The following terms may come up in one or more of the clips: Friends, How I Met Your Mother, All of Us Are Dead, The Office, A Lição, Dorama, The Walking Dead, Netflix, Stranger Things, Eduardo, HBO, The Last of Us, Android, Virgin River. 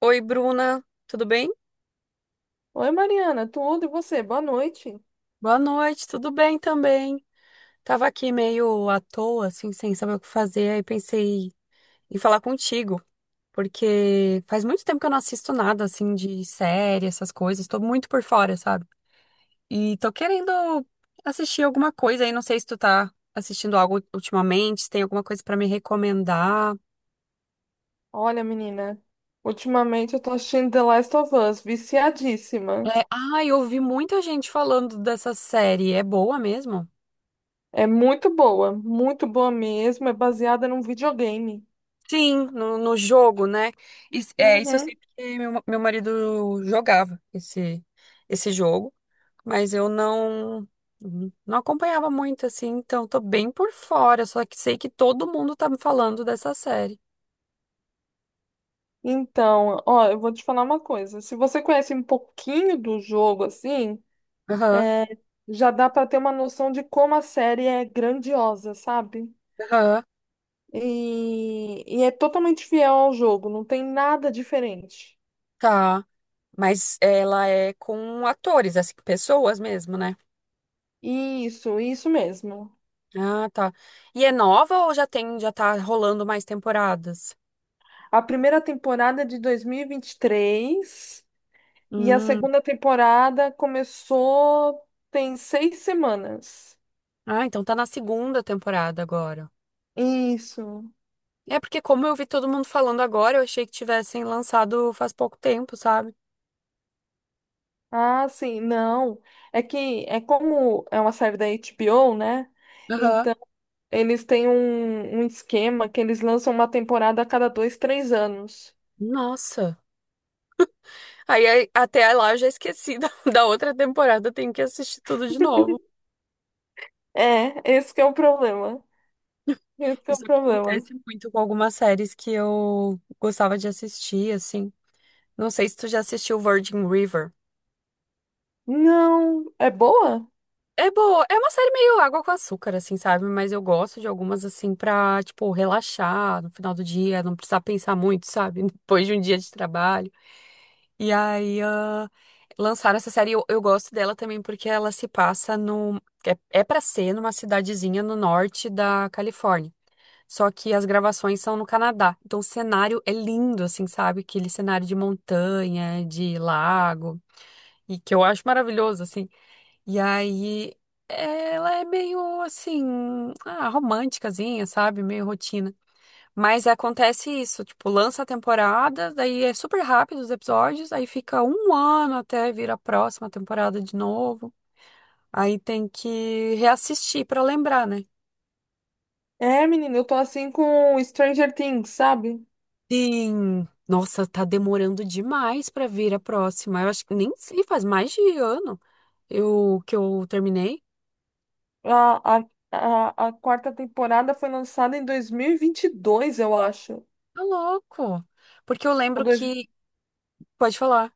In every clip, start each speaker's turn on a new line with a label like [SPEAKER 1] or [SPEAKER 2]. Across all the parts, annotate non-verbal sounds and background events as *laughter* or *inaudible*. [SPEAKER 1] Oi, Bruna, tudo bem?
[SPEAKER 2] Oi, Mariana, tudo e você? Boa noite.
[SPEAKER 1] Boa noite, tudo bem também. Tava aqui meio à toa, assim, sem saber o que fazer, aí pensei em falar contigo, porque faz muito tempo que eu não assisto nada, assim, de série, essas coisas, tô muito por fora, sabe? E tô querendo assistir alguma coisa aí, não sei se tu tá assistindo algo ultimamente, se tem alguma coisa pra me recomendar.
[SPEAKER 2] Olha, menina, ultimamente eu tô assistindo The Last of Us, viciadíssima.
[SPEAKER 1] É, ai, eu ouvi muita gente falando dessa série, é boa mesmo?
[SPEAKER 2] É muito boa mesmo. É baseada num videogame.
[SPEAKER 1] Sim, no jogo, né? Isso, é, isso eu sei
[SPEAKER 2] Uhum.
[SPEAKER 1] porque meu marido jogava esse jogo, mas eu não acompanhava muito, assim, então tô bem por fora, só que sei que todo mundo tá me falando dessa série.
[SPEAKER 2] Então, ó, eu vou te falar uma coisa. Se você conhece um pouquinho do jogo, assim,
[SPEAKER 1] Aham,
[SPEAKER 2] é, já dá pra ter uma noção de como a série é grandiosa, sabe?
[SPEAKER 1] aham,
[SPEAKER 2] E é totalmente fiel ao jogo, não tem nada diferente.
[SPEAKER 1] tá. Mas ela é com atores, assim, pessoas mesmo, né?
[SPEAKER 2] Isso mesmo.
[SPEAKER 1] Ah, tá. E é nova ou já tem, já tá rolando mais temporadas?
[SPEAKER 2] A primeira temporada é de 2023 e vinte e três e a
[SPEAKER 1] Hum.
[SPEAKER 2] segunda temporada começou tem 6 semanas.
[SPEAKER 1] Ah, então tá na segunda temporada agora.
[SPEAKER 2] Isso.
[SPEAKER 1] É porque como eu vi todo mundo falando agora, eu achei que tivessem lançado faz pouco tempo, sabe?
[SPEAKER 2] Ah, sim, não. É que é como é uma série da HBO, né?
[SPEAKER 1] Aham.
[SPEAKER 2] Então, eles têm um esquema que eles lançam uma temporada a cada 2, 3 anos.
[SPEAKER 1] Nossa. Aí, até lá eu já esqueci da, *laughs* da outra temporada, tenho que assistir tudo de novo.
[SPEAKER 2] É, esse que é o problema. Esse que é o
[SPEAKER 1] Isso
[SPEAKER 2] problema.
[SPEAKER 1] acontece muito com algumas séries que eu gostava de assistir, assim. Não sei se tu já assistiu Virgin River.
[SPEAKER 2] Não, é boa?
[SPEAKER 1] É boa, é uma série meio água com açúcar, assim, sabe? Mas eu gosto de algumas, assim, pra, tipo, relaxar no final do dia, não precisar pensar muito, sabe? *laughs* Depois de um dia de trabalho. E aí, lançaram essa série. Eu gosto dela também porque ela se passa no. É para ser numa cidadezinha no norte da Califórnia. Só que as gravações são no Canadá. Então o cenário é lindo, assim, sabe? Aquele cenário de montanha, de lago, e que eu acho maravilhoso, assim. E aí, ela é meio, assim, românticazinha, sabe? Meio rotina. Mas acontece isso, tipo, lança a temporada, daí é super rápido os episódios, aí fica um ano até vir a próxima temporada de novo. Aí tem que reassistir pra lembrar, né?
[SPEAKER 2] É, menina, eu tô assim com Stranger Things, sabe?
[SPEAKER 1] Sim. Nossa, tá demorando demais pra vir a próxima. Eu acho que nem sei, faz mais de ano eu que eu terminei.
[SPEAKER 2] A quarta temporada foi lançada em dois mil e vinte e dois, eu acho.
[SPEAKER 1] Tá louco. Porque eu
[SPEAKER 2] Ou,
[SPEAKER 1] lembro
[SPEAKER 2] dois,
[SPEAKER 1] que. Pode falar.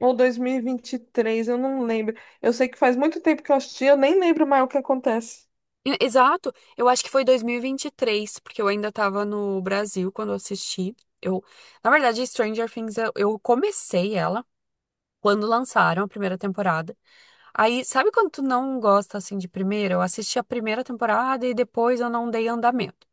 [SPEAKER 2] ou dois mil e vinte e três, eu não lembro. Eu sei que faz muito tempo que eu assisti, eu nem lembro mais o que acontece.
[SPEAKER 1] Exato, eu acho que foi dois mil e vinte e três porque eu ainda tava no Brasil quando eu assisti. Eu, na verdade, Stranger Things, eu comecei ela quando lançaram a primeira temporada. Aí, sabe quando tu não gosta assim de primeira? Eu assisti a primeira temporada e depois eu não dei andamento.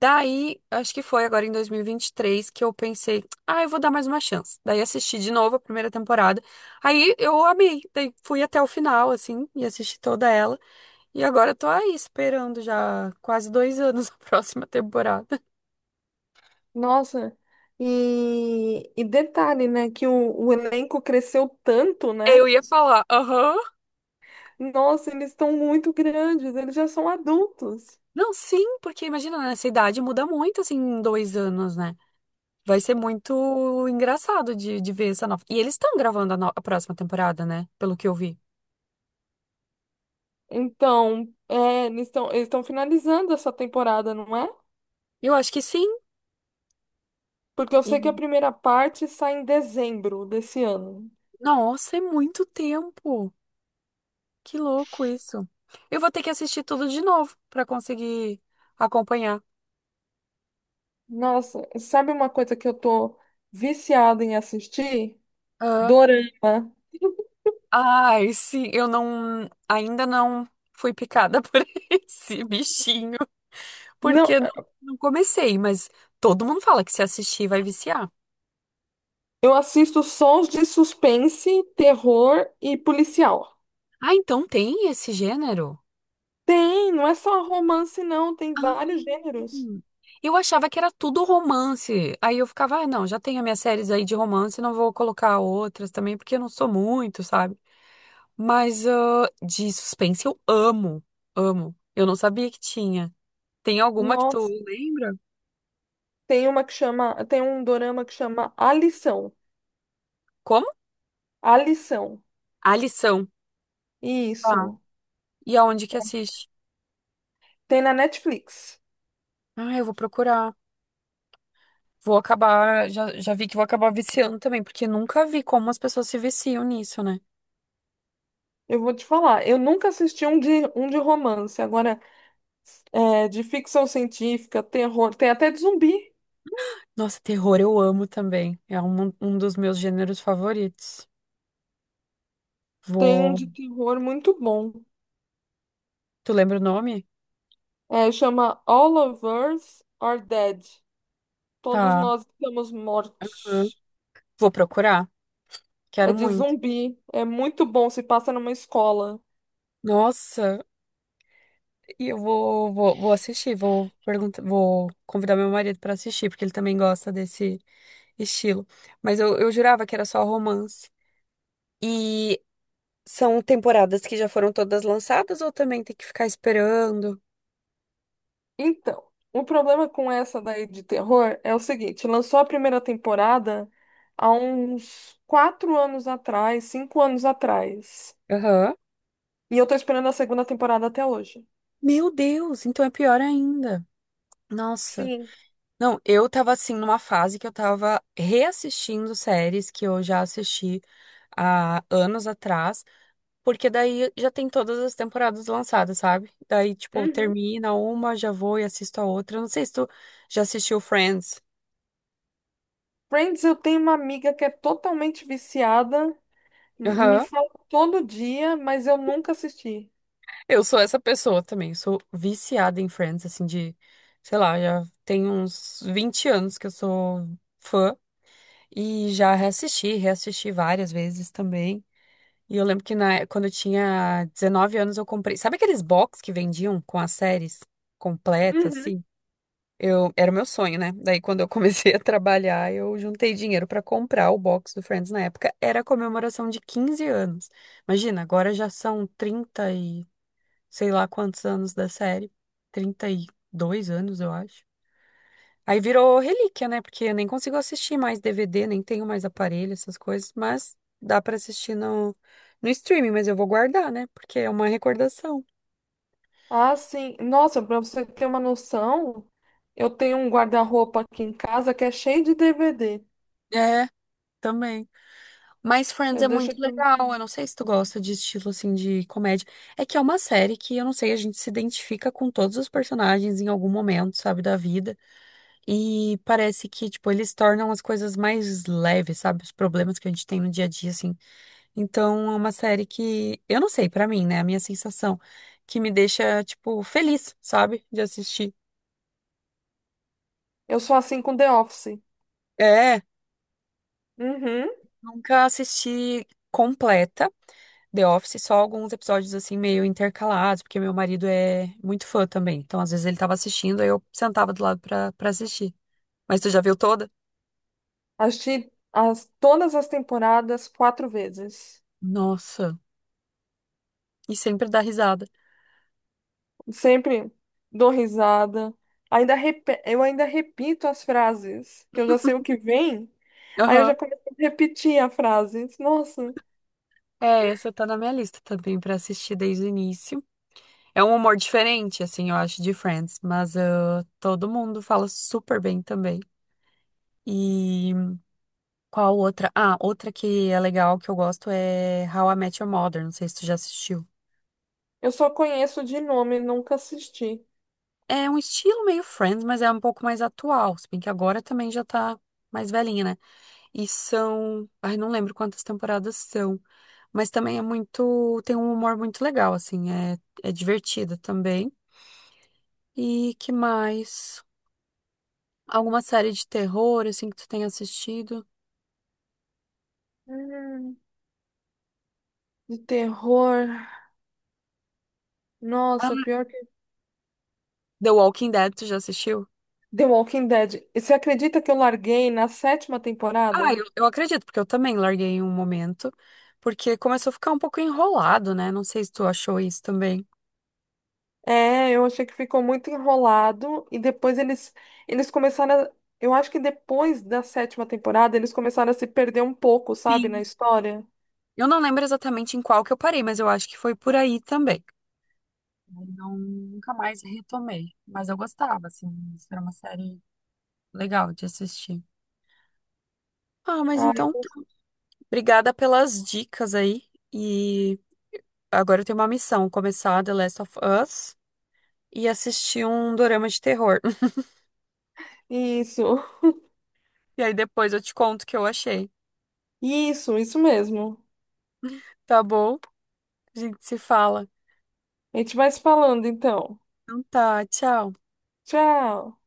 [SPEAKER 1] Daí, acho que foi agora em dois mil e vinte e três que eu pensei, ah, eu vou dar mais uma chance. Daí assisti de novo a primeira temporada. Aí eu amei, daí fui até o final assim e assisti toda ela. E agora eu tô aí esperando já quase 2 anos a *laughs* próxima temporada.
[SPEAKER 2] Nossa, e detalhe, né, que o elenco cresceu tanto,
[SPEAKER 1] Eu
[SPEAKER 2] né?
[SPEAKER 1] ia falar, aham.
[SPEAKER 2] Nossa, eles estão muito grandes, eles já são adultos.
[SPEAKER 1] Não, sim, porque imagina, nessa idade muda muito, assim, em 2 anos, né? Vai ser muito engraçado de ver essa nova. E eles estão gravando a, no- a próxima temporada, né? Pelo que eu vi.
[SPEAKER 2] Então, eles estão finalizando essa temporada, não é?
[SPEAKER 1] Eu acho que sim.
[SPEAKER 2] Porque eu sei que a
[SPEAKER 1] E,
[SPEAKER 2] primeira parte sai em dezembro desse ano.
[SPEAKER 1] nossa, é muito tempo. Que louco isso. Eu vou ter que assistir tudo de novo pra conseguir acompanhar.
[SPEAKER 2] Nossa, sabe uma coisa que eu tô viciada em assistir? Dorama.
[SPEAKER 1] Ai, sim, eu não, ainda não fui picada *laughs* por esse bichinho,
[SPEAKER 2] Não,
[SPEAKER 1] porque não comecei, mas todo mundo fala que se assistir vai viciar.
[SPEAKER 2] eu assisto sons de suspense, terror e policial.
[SPEAKER 1] Ah, então tem esse gênero?
[SPEAKER 2] Tem, não é só romance, não, tem vários gêneros.
[SPEAKER 1] Hum. Eu achava que era tudo romance. Aí eu ficava, ah, não, já tenho as minhas séries aí de romance, não vou colocar outras também, porque eu não sou muito, sabe? Mas de suspense eu amo, amo. Eu não sabia que tinha. Tem alguma que tu
[SPEAKER 2] Nossa,
[SPEAKER 1] lembra?
[SPEAKER 2] tem uma que chama, tem um dorama que chama A Lição.
[SPEAKER 1] Como?
[SPEAKER 2] A Lição.
[SPEAKER 1] A lição.
[SPEAKER 2] Isso.
[SPEAKER 1] E aonde que assiste?
[SPEAKER 2] Tem na Netflix.
[SPEAKER 1] Ah, eu vou procurar. Vou acabar, já vi que vou acabar viciando também, porque nunca vi como as pessoas se viciam nisso, né?
[SPEAKER 2] Eu vou te falar, eu nunca assisti um de romance. Agora, de ficção científica, terror, tem até de zumbi.
[SPEAKER 1] Nossa, terror eu amo também. É um dos meus gêneros favoritos.
[SPEAKER 2] Tem um
[SPEAKER 1] Vou.
[SPEAKER 2] de terror muito bom.
[SPEAKER 1] Tu lembra o nome?
[SPEAKER 2] É, chama All of Us Are Dead. Todos
[SPEAKER 1] Tá.
[SPEAKER 2] nós estamos
[SPEAKER 1] Hã?
[SPEAKER 2] mortos.
[SPEAKER 1] Vou procurar.
[SPEAKER 2] É
[SPEAKER 1] Quero
[SPEAKER 2] de
[SPEAKER 1] muito.
[SPEAKER 2] zumbi. É muito bom, se passa numa escola.
[SPEAKER 1] Nossa, e eu vou assistir, vou perguntar, vou convidar meu marido pra assistir, porque ele também gosta desse estilo. Mas eu jurava que era só romance. E são temporadas que já foram todas lançadas ou também tem que ficar esperando?
[SPEAKER 2] Então, o problema com essa daí de terror é o seguinte: lançou a primeira temporada há uns 4 anos atrás, 5 anos atrás.
[SPEAKER 1] Aham.
[SPEAKER 2] E eu tô esperando a segunda temporada até hoje.
[SPEAKER 1] Meu Deus, então é pior ainda. Nossa.
[SPEAKER 2] Sim.
[SPEAKER 1] Não, eu tava assim numa fase que eu tava reassistindo séries que eu já assisti há anos atrás, porque daí já tem todas as temporadas lançadas, sabe? Daí, tipo,
[SPEAKER 2] Uhum.
[SPEAKER 1] termina uma, já vou e assisto a outra. Eu não sei se tu já assistiu Friends.
[SPEAKER 2] Friends, eu tenho uma amiga que é totalmente viciada. Me
[SPEAKER 1] Aham.
[SPEAKER 2] falam todo dia, mas eu nunca assisti.
[SPEAKER 1] Eu sou essa pessoa também, sou viciada em Friends, assim, de, sei lá, já tem uns 20 anos que eu sou fã e já reassisti, reassisti várias vezes também. E eu lembro que quando eu tinha 19 anos eu comprei, sabe aqueles box que vendiam com as séries completas,
[SPEAKER 2] Uhum.
[SPEAKER 1] assim? Eu, era o meu sonho, né? Daí quando eu *laughs* comecei a trabalhar, eu juntei dinheiro pra comprar o box do Friends na época, era a comemoração de 15 anos. Imagina, agora já são 30 sei lá quantos anos da série, 32 anos, eu acho. Aí virou relíquia, né? Porque eu nem consigo assistir mais DVD, nem tenho mais aparelho, essas coisas, mas dá pra assistir no streaming, mas eu vou guardar, né? Porque é uma recordação.
[SPEAKER 2] Ah, sim. Nossa, pra você ter uma noção, eu tenho um guarda-roupa aqui em casa que é cheio de DVD.
[SPEAKER 1] É, também. Mas Friends
[SPEAKER 2] Eu
[SPEAKER 1] é
[SPEAKER 2] deixo
[SPEAKER 1] muito
[SPEAKER 2] tudo.
[SPEAKER 1] legal. Eu não sei se tu gosta de estilo assim de comédia. É que é uma série que eu não sei, a gente se identifica com todos os personagens em algum momento, sabe, da vida. E parece que, tipo, eles tornam as coisas mais leves, sabe? Os problemas que a gente tem no dia a dia, assim. Então, é uma série que, eu não sei, pra mim, né? A minha sensação que me deixa, tipo, feliz, sabe? De assistir.
[SPEAKER 2] Eu sou assim com The Office.
[SPEAKER 1] É,
[SPEAKER 2] Uhum.
[SPEAKER 1] nunca assisti completa The Office, só alguns episódios, assim, meio intercalados, porque meu marido é muito fã também. Então, às vezes ele tava assistindo, aí eu sentava do lado pra assistir. Mas tu já viu toda?
[SPEAKER 2] Assisti todas as temporadas quatro vezes.
[SPEAKER 1] Nossa, e sempre dá risada.
[SPEAKER 2] Sempre dou risada. Eu ainda repito as frases, que eu já sei o que vem. Aí eu já
[SPEAKER 1] Aham.
[SPEAKER 2] começo a repetir a frase. Nossa.
[SPEAKER 1] É, essa tá na minha lista também pra assistir desde o início. É um humor diferente, assim, eu acho, de Friends, mas todo mundo fala super bem também. E qual outra? Ah, outra que é legal, que eu gosto é How I Met Your Mother, não sei se tu já assistiu.
[SPEAKER 2] Eu só conheço de nome, nunca assisti.
[SPEAKER 1] É um estilo meio Friends, mas é um pouco mais atual, se bem que agora também já tá mais velhinha, né? E são, ai, não lembro quantas temporadas são, mas também é muito, tem um humor muito legal, assim, é divertido também. E que mais? Alguma série de terror, assim, que tu tenha assistido?
[SPEAKER 2] Hum. De terror.
[SPEAKER 1] Ah,
[SPEAKER 2] Nossa, pior que.
[SPEAKER 1] The Walking Dead, tu já assistiu?
[SPEAKER 2] The Walking Dead. E você acredita que eu larguei na sétima
[SPEAKER 1] Ah,
[SPEAKER 2] temporada?
[SPEAKER 1] eu acredito, porque eu também larguei em um momento, porque começou a ficar um pouco enrolado, né? Não sei se tu achou isso também.
[SPEAKER 2] É, eu achei que ficou muito enrolado. E depois eles começaram. Eu acho que depois da sétima temporada, eles começaram a se perder um pouco, sabe, na
[SPEAKER 1] Sim.
[SPEAKER 2] história.
[SPEAKER 1] Eu não lembro exatamente em qual que eu parei, mas eu acho que foi por aí também. Eu Não, nunca mais retomei, mas eu gostava, assim, isso era uma série legal de assistir. Ah, mas
[SPEAKER 2] Ah,
[SPEAKER 1] então, tá. Obrigada pelas dicas aí. E agora eu tenho uma missão, começar The Last of Us e assistir um dorama de terror. *laughs*
[SPEAKER 2] isso.
[SPEAKER 1] E aí depois eu te conto o que eu achei.
[SPEAKER 2] Isso mesmo.
[SPEAKER 1] Tá bom? A gente se fala.
[SPEAKER 2] A gente vai se falando então.
[SPEAKER 1] Então tá, tchau.
[SPEAKER 2] Tchau.